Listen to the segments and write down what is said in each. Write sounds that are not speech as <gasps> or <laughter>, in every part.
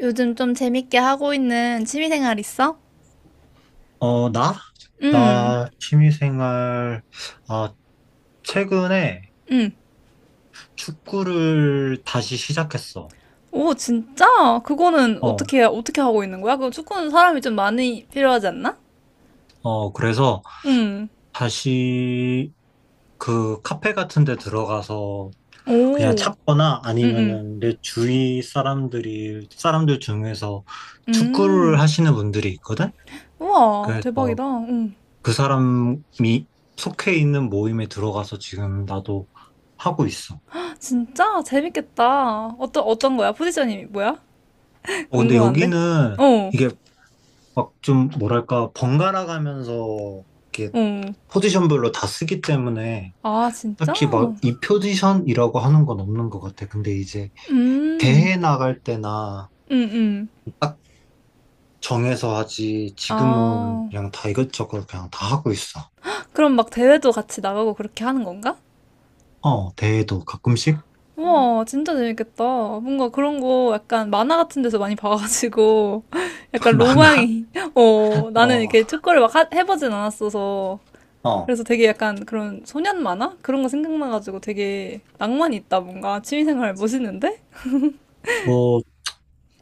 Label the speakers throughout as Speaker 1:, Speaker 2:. Speaker 1: 요즘 좀 재밌게 하고 있는 취미생활 있어?
Speaker 2: 어, 나?
Speaker 1: 응.
Speaker 2: 나 취미생활, 아, 최근에 축구를 다시 시작했어.
Speaker 1: 오, 진짜? 그거는
Speaker 2: 어,
Speaker 1: 어떻게 하고 있는 거야? 그 축구는 사람이 좀 많이 필요하지 않나?
Speaker 2: 그래서
Speaker 1: 응.
Speaker 2: 다시 그 카페 같은 데 들어가서 그냥
Speaker 1: 오, 응,
Speaker 2: 찾거나
Speaker 1: 응.
Speaker 2: 아니면은 내 주위 사람들 중에서 축구를
Speaker 1: 음.
Speaker 2: 하시는 분들이 있거든?
Speaker 1: 우와,
Speaker 2: 그래서
Speaker 1: 대박이다. 응.
Speaker 2: 그 사람이 속해 있는 모임에 들어가서 지금 나도 하고 있어.
Speaker 1: 진짜? 재밌겠다. 어떤 거야? 포지션이 뭐야? <laughs>
Speaker 2: 어, 근데
Speaker 1: 궁금한데?
Speaker 2: 여기는
Speaker 1: 어,
Speaker 2: 이게 막 좀 뭐랄까 번갈아 가면서 이렇게
Speaker 1: 어.
Speaker 2: 포지션별로 다 쓰기 때문에
Speaker 1: 아, 진짜?
Speaker 2: 딱히 막 이 포지션이라고 하는 건 없는 것 같아. 근데 이제
Speaker 1: 음,
Speaker 2: 대회 나갈 때나
Speaker 1: 음, 음.
Speaker 2: 딱 정해서 하지 지금은
Speaker 1: 아,
Speaker 2: 그냥 다 이것저것 그냥 다 하고 있어.
Speaker 1: 그럼 막 대회도 같이 나가고 그렇게 하는 건가?
Speaker 2: 어, 대회도 가끔씩.
Speaker 1: 우와, 진짜 재밌겠다. 뭔가 그런 거 약간 만화 같은 데서 많이 봐가지고, <laughs> 약간
Speaker 2: <laughs> 많아.
Speaker 1: 로망이, <laughs> 어, 나는
Speaker 2: 어,
Speaker 1: 이렇게 축구를 막 해보진 않았어서.
Speaker 2: 어,
Speaker 1: 그래서 되게 약간 그런 소년 만화? 그런 거 생각나가지고 되게 낭만이 있다, 뭔가. 취미생활 멋있는데?
Speaker 2: 뭐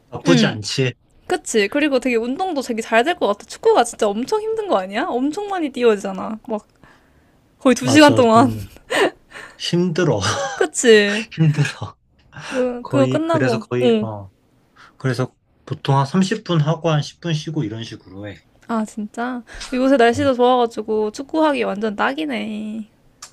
Speaker 2: 나쁘지
Speaker 1: 응.
Speaker 2: 않지.
Speaker 1: 그치. 그리고 되게 운동도 되게 잘 될 것 같아. 축구가 진짜 엄청 힘든 거 아니야? 엄청 많이 뛰어야 되잖아. 막 거의 두 시간
Speaker 2: 맞아,
Speaker 1: 동안.
Speaker 2: 좀 힘들어,
Speaker 1: <laughs> 그치.
Speaker 2: <laughs> 힘들어.
Speaker 1: 그거
Speaker 2: 거의 그래서
Speaker 1: 끝나고,
Speaker 2: 거의
Speaker 1: 응.
Speaker 2: 어 그래서 보통 한 30분 하고 한 10분 쉬고 이런 식으로 해.
Speaker 1: 아, 진짜? 요새 날씨도 좋아가지고 축구하기 완전 딱이네.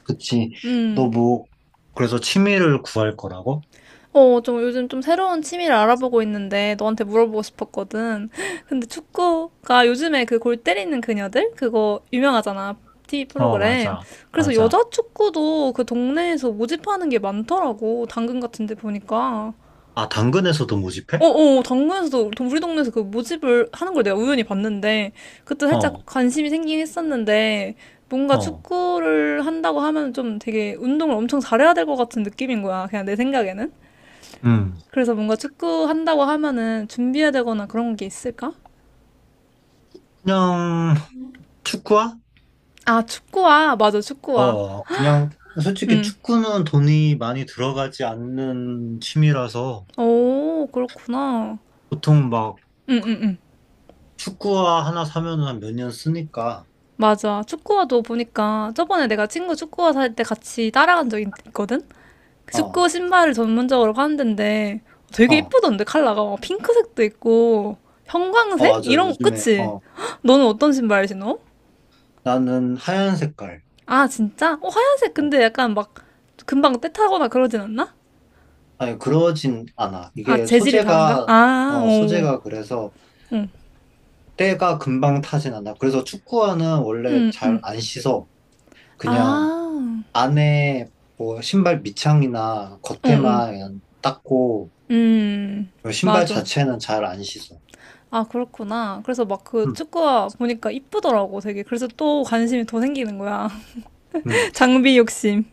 Speaker 2: 그치. 너
Speaker 1: 음.
Speaker 2: 뭐, 그래서 취미를 구할 거라고?
Speaker 1: 어, 좀 요즘 좀 새로운 취미를 알아보고 있는데 너한테 물어보고 싶었거든. <laughs> 근데 축구가 요즘에 그 골 때리는 그녀들? 그거 유명하잖아. TV
Speaker 2: 어,
Speaker 1: 프로그램.
Speaker 2: 맞아.
Speaker 1: 그래서
Speaker 2: 맞아.
Speaker 1: 여자 축구도 그 동네에서 모집하는 게 많더라고. 당근 같은 데 보니까.
Speaker 2: 아, 당근에서도 모집해?
Speaker 1: 어어 당근에서도 우리 동네에서 그 모집을 하는 걸 내가 우연히 봤는데 그때
Speaker 2: 어,
Speaker 1: 살짝 관심이 생기긴 했었는데 뭔가
Speaker 2: 어.
Speaker 1: 축구를 한다고 하면 좀 되게 운동을 엄청 잘해야 될 것 같은 느낌인 거야 그냥 내 생각에는
Speaker 2: 음.
Speaker 1: 그래서 뭔가 축구 한다고 하면은 준비해야 되거나 그런 게 있을까?
Speaker 2: 그냥, 축구화?
Speaker 1: 아 축구화 맞아 축구화
Speaker 2: 어, 그냥, 솔직히 축구는 돈이 많이 들어가지 않는 취미라서,
Speaker 1: 응오 그렇구나
Speaker 2: 보통 막,
Speaker 1: 응응응
Speaker 2: 축구화 하나 사면은 한 몇 년 쓰니까,
Speaker 1: 맞아 축구화도 보니까 저번에 내가 친구 축구화 살 때 같이 따라간 적 있거든
Speaker 2: 어,
Speaker 1: 축구 신발을 전문적으로 파는 데인데 되게
Speaker 2: 어.
Speaker 1: 이쁘던데 컬러가 막 핑크색도 있고
Speaker 2: 아,
Speaker 1: 형광색
Speaker 2: 맞아.
Speaker 1: 이런
Speaker 2: 요즘에,
Speaker 1: 그치?
Speaker 2: 어.
Speaker 1: <gasps> 헉, 너는 어떤 신발 신어?
Speaker 2: 나는 하얀 색깔.
Speaker 1: 아 진짜? 어 하얀색
Speaker 2: 어.
Speaker 1: 근데 약간 막 금방 때 타거나 그러진 않나?
Speaker 2: 아니, 그러진 않아.
Speaker 1: 아
Speaker 2: 이게
Speaker 1: 재질이 다른가?
Speaker 2: 소재가,
Speaker 1: 아,
Speaker 2: 어,
Speaker 1: 오,
Speaker 2: 소재가 그래서,
Speaker 1: 응,
Speaker 2: 때가 금방 타진 않아. 그래서 축구화는 원래
Speaker 1: 음,
Speaker 2: 잘 안 씻어. 그냥
Speaker 1: 아,
Speaker 2: 안에 뭐 신발 밑창이나
Speaker 1: 응, 응,
Speaker 2: 겉에만 그냥 닦고
Speaker 1: 음,
Speaker 2: 신발
Speaker 1: 맞아.
Speaker 2: 자체는 잘 안 씻어.
Speaker 1: 아 그렇구나. 그래서 막 그
Speaker 2: 음,
Speaker 1: 축구화 보니까 이쁘더라고 되게. 그래서 또 관심이 더 생기는 거야.
Speaker 2: 음.
Speaker 1: <laughs> 장비 욕심.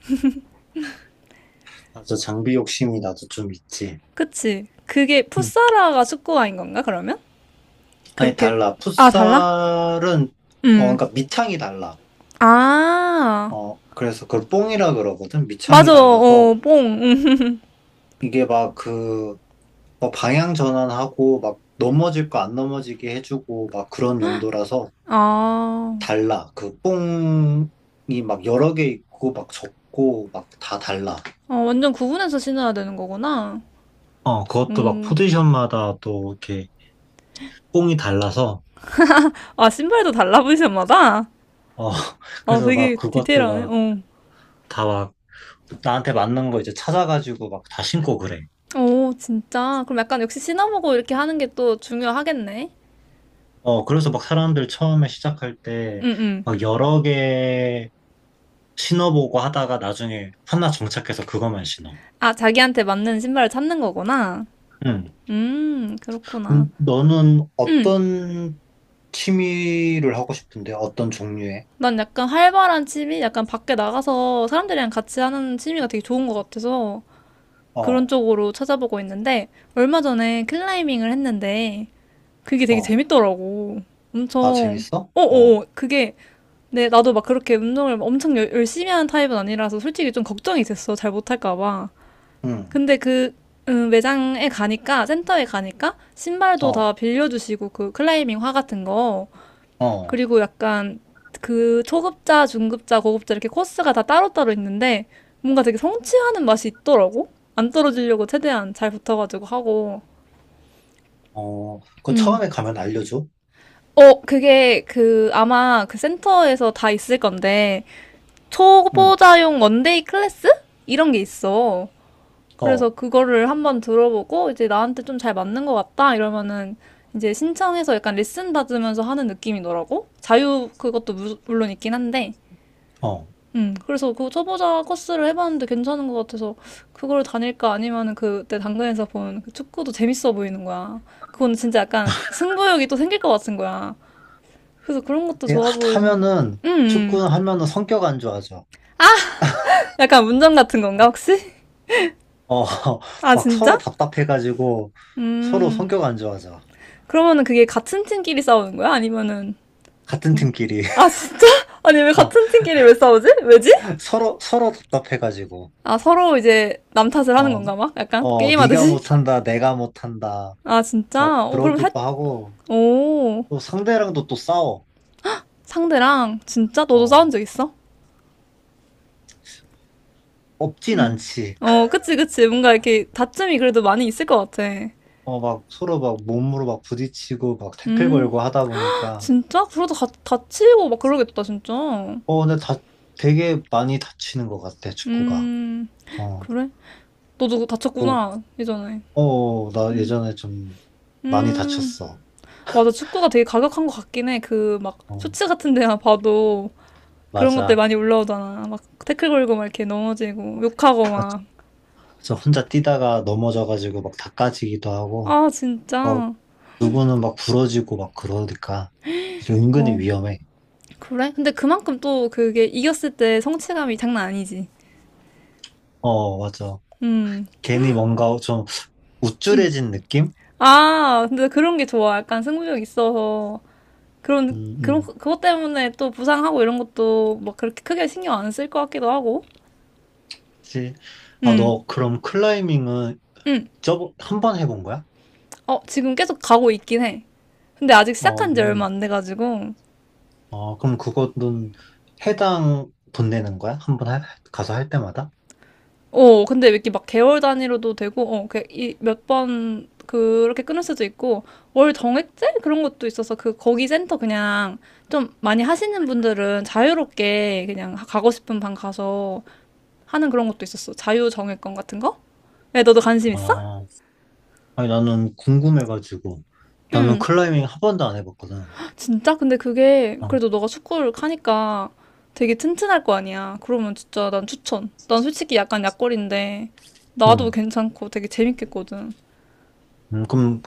Speaker 2: 맞아. 장비 욕심이 나도 좀 있지.
Speaker 1: 그치. 그게
Speaker 2: 응.
Speaker 1: 풋사라가 축구화인 건가, 그러면?
Speaker 2: 아니,
Speaker 1: 그렇게.
Speaker 2: 달라.
Speaker 1: 아, 달라?
Speaker 2: 풋살은, 어,
Speaker 1: 음.
Speaker 2: 그러니까 밑창이 달라.
Speaker 1: 아,
Speaker 2: 어, 그래서 그걸 뽕이라 그러거든. 밑창이
Speaker 1: 맞아. 어,
Speaker 2: 달라서
Speaker 1: 뽕. 음.
Speaker 2: 이게 막 그, 뭐 방향 전환하고 막 넘어질 거 안 넘어지게 해주고 막 그런 용도라서
Speaker 1: 아,
Speaker 2: 달라. 그 뽕이 막 여러 개 있고 막 적고 막 다 달라.
Speaker 1: 어, 완전 구분해서 신어야 되는 거구나.
Speaker 2: 어, 그것도 막 포지션마다 또 이렇게 뽕이 달라서,
Speaker 1: 아, 신발도 달라, 포지션마다?
Speaker 2: 어, <laughs>
Speaker 1: 아,
Speaker 2: 그래서 막
Speaker 1: 되게
Speaker 2: 그것도
Speaker 1: 디테일하네.
Speaker 2: 막
Speaker 1: 어.
Speaker 2: 다 막 나한테 맞는 거 이제 찾아가지고 막 다 신고 그래.
Speaker 1: 오, 진짜. 그럼 약간 역시 신어보고 이렇게 하는 게 또 중요하겠네.
Speaker 2: 어, 그래서 막 사람들 처음에 시작할 때
Speaker 1: 응, 응.
Speaker 2: 막 여러 개 신어보고 하다가 나중에 하나 정착해서 그것만 신어.
Speaker 1: 아, 자기한테 맞는 신발을 찾는 거구나.
Speaker 2: 응.
Speaker 1: 그렇구나.
Speaker 2: 너는 어떤 취미를 하고 싶은데? 어떤 종류의?
Speaker 1: 난 약간 활발한 취미? 약간 밖에 나가서 사람들이랑 같이 하는 취미가 되게 좋은 것 같아서 그런
Speaker 2: 어,
Speaker 1: 쪽으로 찾아보고 있는데 얼마 전에 클라이밍을 했는데 그게 되게
Speaker 2: 어.
Speaker 1: 재밌더라고.
Speaker 2: 아,
Speaker 1: 엄청,
Speaker 2: 재밌어? 어,
Speaker 1: 어어어, 그게, 네, 나도 막 그렇게 운동을 엄청 열심히 하는 타입은 아니라서 솔직히 좀 걱정이 됐어. 잘 못할까 봐.
Speaker 2: 응,
Speaker 1: 근데 그, 매장에 가니까, 센터에 가니까 신발도 다
Speaker 2: 어,
Speaker 1: 빌려주시고 그 클라이밍 화 같은 거.
Speaker 2: 어,
Speaker 1: 그리고 약간 그 초급자, 중급자, 고급자 이렇게 코스가 다 따로따로 있는데 뭔가 되게 성취하는 맛이 있더라고. 안 떨어지려고 최대한 잘 붙어가지고 하고.
Speaker 2: 어, 그
Speaker 1: 음.
Speaker 2: 처음에 가면 알려줘.
Speaker 1: 어, 그게 그 아마 그 센터에서 다 있을 건데
Speaker 2: 응,
Speaker 1: 초보자용 원데이 클래스? 이런 게 있어. 그래서
Speaker 2: 어,
Speaker 1: 그거를 한번 들어보고 이제 나한테 좀 잘 맞는 것 같다 이러면은 이제 신청해서 약간 레슨 받으면서 하는 느낌이더라고. 자유 그것도 물론 있긴 한데.
Speaker 2: 어.
Speaker 1: 그래서 그 초보자 코스를 해봤는데 괜찮은 것 같아서 그걸 다닐까 아니면은 그때 당근에서 본그 축구도 재밌어 보이는 거야. 그건 진짜 약간 승부욕이 또 생길 것 같은 거야. 그래서 그런 것도
Speaker 2: 근데
Speaker 1: 좋아 보이고.
Speaker 2: 하면은, 축구 하면은 성격 안 좋아져.
Speaker 1: 약간 운전 같은 건가
Speaker 2: 어,
Speaker 1: 혹시? <laughs>
Speaker 2: 어, <laughs>
Speaker 1: 아,
Speaker 2: 막 서로
Speaker 1: 진짜?
Speaker 2: 답답해가지고, 서로
Speaker 1: 음.
Speaker 2: 성격 안 좋아져.
Speaker 1: 그러면은 그게 같은 팀끼리 싸우는 거야? 아니면은
Speaker 2: 같은 팀끼리.
Speaker 1: 아,
Speaker 2: <laughs>
Speaker 1: 진짜? <laughs> 아니 왜
Speaker 2: 어,
Speaker 1: 같은 팀끼리 왜 싸우지? 왜지?
Speaker 2: 서로 답답해가지고.
Speaker 1: 아, 서로 이제 남 탓을 하는
Speaker 2: 어,
Speaker 1: 건가 막? 약간
Speaker 2: 어, 네가
Speaker 1: 게임하듯이?
Speaker 2: 못한다, 내가 못한다.
Speaker 1: 아,
Speaker 2: 막
Speaker 1: 진짜? 어, 그럼 할
Speaker 2: 그러기도 하고,
Speaker 1: 오.
Speaker 2: 또 상대랑도 또 싸워.
Speaker 1: 상대랑 진짜 너도 싸운
Speaker 2: 어,
Speaker 1: 적 있어?
Speaker 2: 없진
Speaker 1: 응.
Speaker 2: 않지.
Speaker 1: 어, 그치, 그치. 뭔가 이렇게 다툼이 그래도 많이 있을 것 같아.
Speaker 2: 어, 막 서로 막 몸으로 막 부딪히고 막 태클
Speaker 1: 음,
Speaker 2: 걸고 하다 보니까
Speaker 1: 진짜? 그러다 가, 다치고 막 그러겠다, 진짜.
Speaker 2: 어, 근데 다 되게 많이 다치는 것 같아, 축구가.
Speaker 1: 음,
Speaker 2: 어,
Speaker 1: 그래? 너도
Speaker 2: 뭐,
Speaker 1: 다쳤구나, 예전에.
Speaker 2: 어, 나 예전에 좀 많이
Speaker 1: 음,
Speaker 2: 다쳤어.
Speaker 1: 맞아. 축구가 되게 가격한 것 같긴 해. 그, 막,
Speaker 2: 어,
Speaker 1: 쇼츠 같은 데만 봐도 그런 것들
Speaker 2: 맞아.
Speaker 1: 많이 올라오잖아. 막, 태클 걸고 막 이렇게 넘어지고, 욕하고 막.
Speaker 2: 저 혼자 뛰다가 넘어져가지고 막 닦아지기도 하고,
Speaker 1: 아,
Speaker 2: 어,
Speaker 1: 진짜.
Speaker 2: 누구는 막 부러지고 막 그러니까 이게 은근히
Speaker 1: 어,
Speaker 2: 위험해.
Speaker 1: 그래? 근데 그만큼 또 그게 이겼을 때 성취감이 장난 아니지.
Speaker 2: 어, 맞아.
Speaker 1: 음.
Speaker 2: 괜히 뭔가 좀 우쭐해진 느낌?
Speaker 1: 아, 근데 그런 게 좋아. 약간 승부욕 있어서.
Speaker 2: 음, 음.
Speaker 1: 그것 때문에 또 부상하고 이런 것도 막 그렇게 크게 신경 안 쓸 것 같기도 하고.
Speaker 2: 그치. 아,
Speaker 1: 음,
Speaker 2: 너 그럼 클라이밍은
Speaker 1: 음.
Speaker 2: 저번 한 번 해본 거야?
Speaker 1: 어, 지금 계속 가고 있긴 해. 근데 아직
Speaker 2: 어,
Speaker 1: 시작한 지 얼마 안 돼가지고.
Speaker 2: 어, 그럼 그거는 해당 돈 내는 거야? 한 번 가서 할 때마다?
Speaker 1: 어, 근데 이렇게 막 개월 단위로도 되고, 어, 몇 번 그렇게 끊을 수도 있고, 월 정액제? 그런 것도 있어서 그, 거기 센터 그냥 좀 많이 하시는 분들은 자유롭게 그냥 가고 싶은 방 가서 하는 그런 것도 있었어. 자유정예권 같은 거? 야, 너도 관심 있어?
Speaker 2: 아, 아니, 나는 궁금해가지고. 나는
Speaker 1: 응.
Speaker 2: 클라이밍 한 번도 안 해봤거든.
Speaker 1: 진짜? 근데 그게
Speaker 2: 어,
Speaker 1: 그래도 너가 축구를 하니까 되게 튼튼할 거 아니야. 그러면 진짜 난 추천. 난 솔직히 약간 약골인데
Speaker 2: 응.
Speaker 1: 나도 괜찮고 되게 재밌겠거든.
Speaker 2: 그럼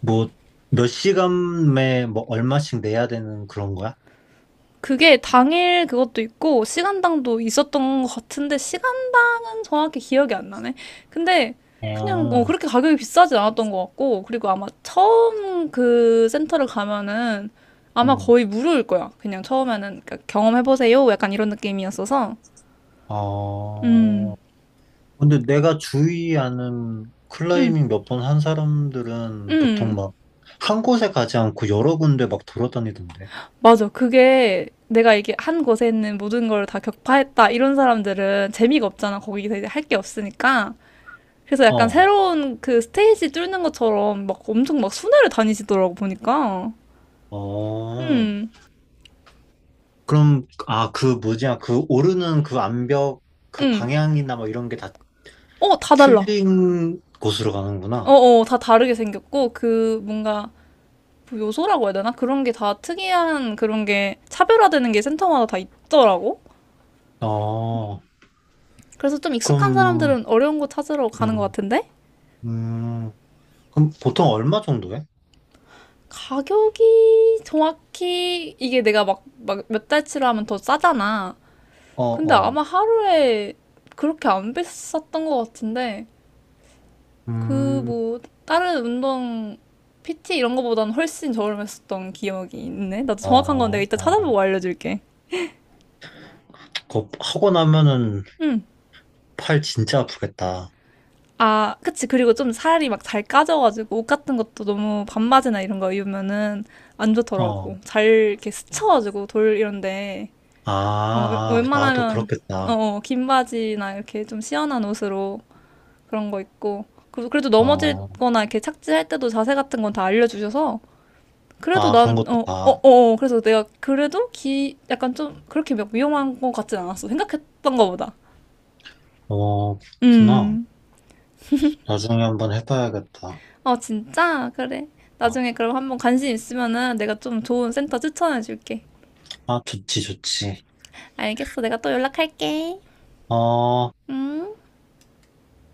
Speaker 2: 뭐, 몇 시간에 뭐, 얼마씩 내야 되는 그런 거야?
Speaker 1: 그게 당일 그것도 있고 시간당도 있었던 것 같은데 시간당은 정확히 기억이 안 나네. 근데 그냥 어,
Speaker 2: 아,
Speaker 1: 그렇게 가격이 비싸진 않았던 것 같고 그리고 아마 처음 그 센터를 가면은 아마
Speaker 2: 응.
Speaker 1: 거의 무료일 거야. 그냥 처음에는 그러니까 경험해보세요. 약간 이런 느낌이었어서
Speaker 2: 어,
Speaker 1: 음,
Speaker 2: 근데 내가 주위 아는
Speaker 1: 음,
Speaker 2: 클라이밍 몇 번 한 사람들은 보통
Speaker 1: 음.
Speaker 2: 막, 한 곳에 가지 않고 여러 군데 막 돌아다니던데.
Speaker 1: 맞아. 그게 내가 이게 한 곳에 있는 모든 걸 다 격파했다 이런 사람들은 재미가 없잖아. 거기서 이제 할 게 없으니까. 그래서 약간
Speaker 2: 어.
Speaker 1: 새로운 그 스테이지 뚫는 것처럼 막 엄청 막 순회를 다니시더라고 보니까.
Speaker 2: 어,
Speaker 1: 음,
Speaker 2: 그럼, 아, 그 뭐지야, 그 오르는 그 암벽, 그
Speaker 1: 음.
Speaker 2: 방향이나 뭐 이런 게 다
Speaker 1: 어, 다 달라.
Speaker 2: 틀린 곳으로
Speaker 1: 어,
Speaker 2: 가는구나.
Speaker 1: 어, 다 다르게 생겼고 그 뭔가 뭐 요소라고 해야 되나? 그런 게 다 특이한 그런 게 차별화되는 게 센터마다 다 있더라고.
Speaker 2: 어,
Speaker 1: 그래서 좀 익숙한
Speaker 2: 그럼,
Speaker 1: 사람들은 어려운 거 찾으러 가는 것
Speaker 2: 음,
Speaker 1: 같은데
Speaker 2: 음, 그럼 보통 얼마 정도 해?
Speaker 1: 가격이 정확히 이게 내가 막 몇 달치로 하면 더 싸잖아.
Speaker 2: 어,
Speaker 1: 근데
Speaker 2: 어,
Speaker 1: 아마 하루에 그렇게 안 비쌌던 것 같은데 그
Speaker 2: 음,
Speaker 1: 뭐 다른 운동 PT 이런 거보다는 훨씬 저렴했었던 기억이 있네. 나도
Speaker 2: 어,
Speaker 1: 정확한 건 내가 이따 찾아보고
Speaker 2: 어.
Speaker 1: 알려줄게.
Speaker 2: 그거 하고 나면은
Speaker 1: 응.
Speaker 2: 팔 진짜 아프겠다.
Speaker 1: 아, 그치. 그리고 좀 살이 막 잘 까져가지고 옷 같은 것도 너무 반바지나 이런 거 입으면은 안
Speaker 2: 어,
Speaker 1: 좋더라고. 잘 이렇게 스쳐가지고 돌 이런데
Speaker 2: 아,
Speaker 1: 어,
Speaker 2: 아, 나도
Speaker 1: 웬만하면 어,
Speaker 2: 그렇겠다.
Speaker 1: 어, 긴 바지나 이렇게 좀 시원한 옷으로 그런 거 입고 그래도
Speaker 2: 어,
Speaker 1: 넘어질거나 이렇게 착지할 때도 자세 같은 건 다 알려주셔서 그래도
Speaker 2: 아, 그런
Speaker 1: 난,
Speaker 2: 것도
Speaker 1: 어, 어,
Speaker 2: 다,
Speaker 1: 어, 어. 그래서 내가 그래도 기, 약간 좀 그렇게 막 위험한 것 같진 않았어. 생각했던 것보다.
Speaker 2: 어, 그렇구나.
Speaker 1: 음.
Speaker 2: 나중에 한번 해봐야겠다.
Speaker 1: 어, 진짜? 그래.
Speaker 2: 어.
Speaker 1: 나중에 그럼 한번 관심 있으면은 내가 좀 좋은 센터 추천해 줄게.
Speaker 2: 아, 좋지, 좋지.
Speaker 1: 알겠어. 내가 또 연락할게.
Speaker 2: 어,
Speaker 1: 음.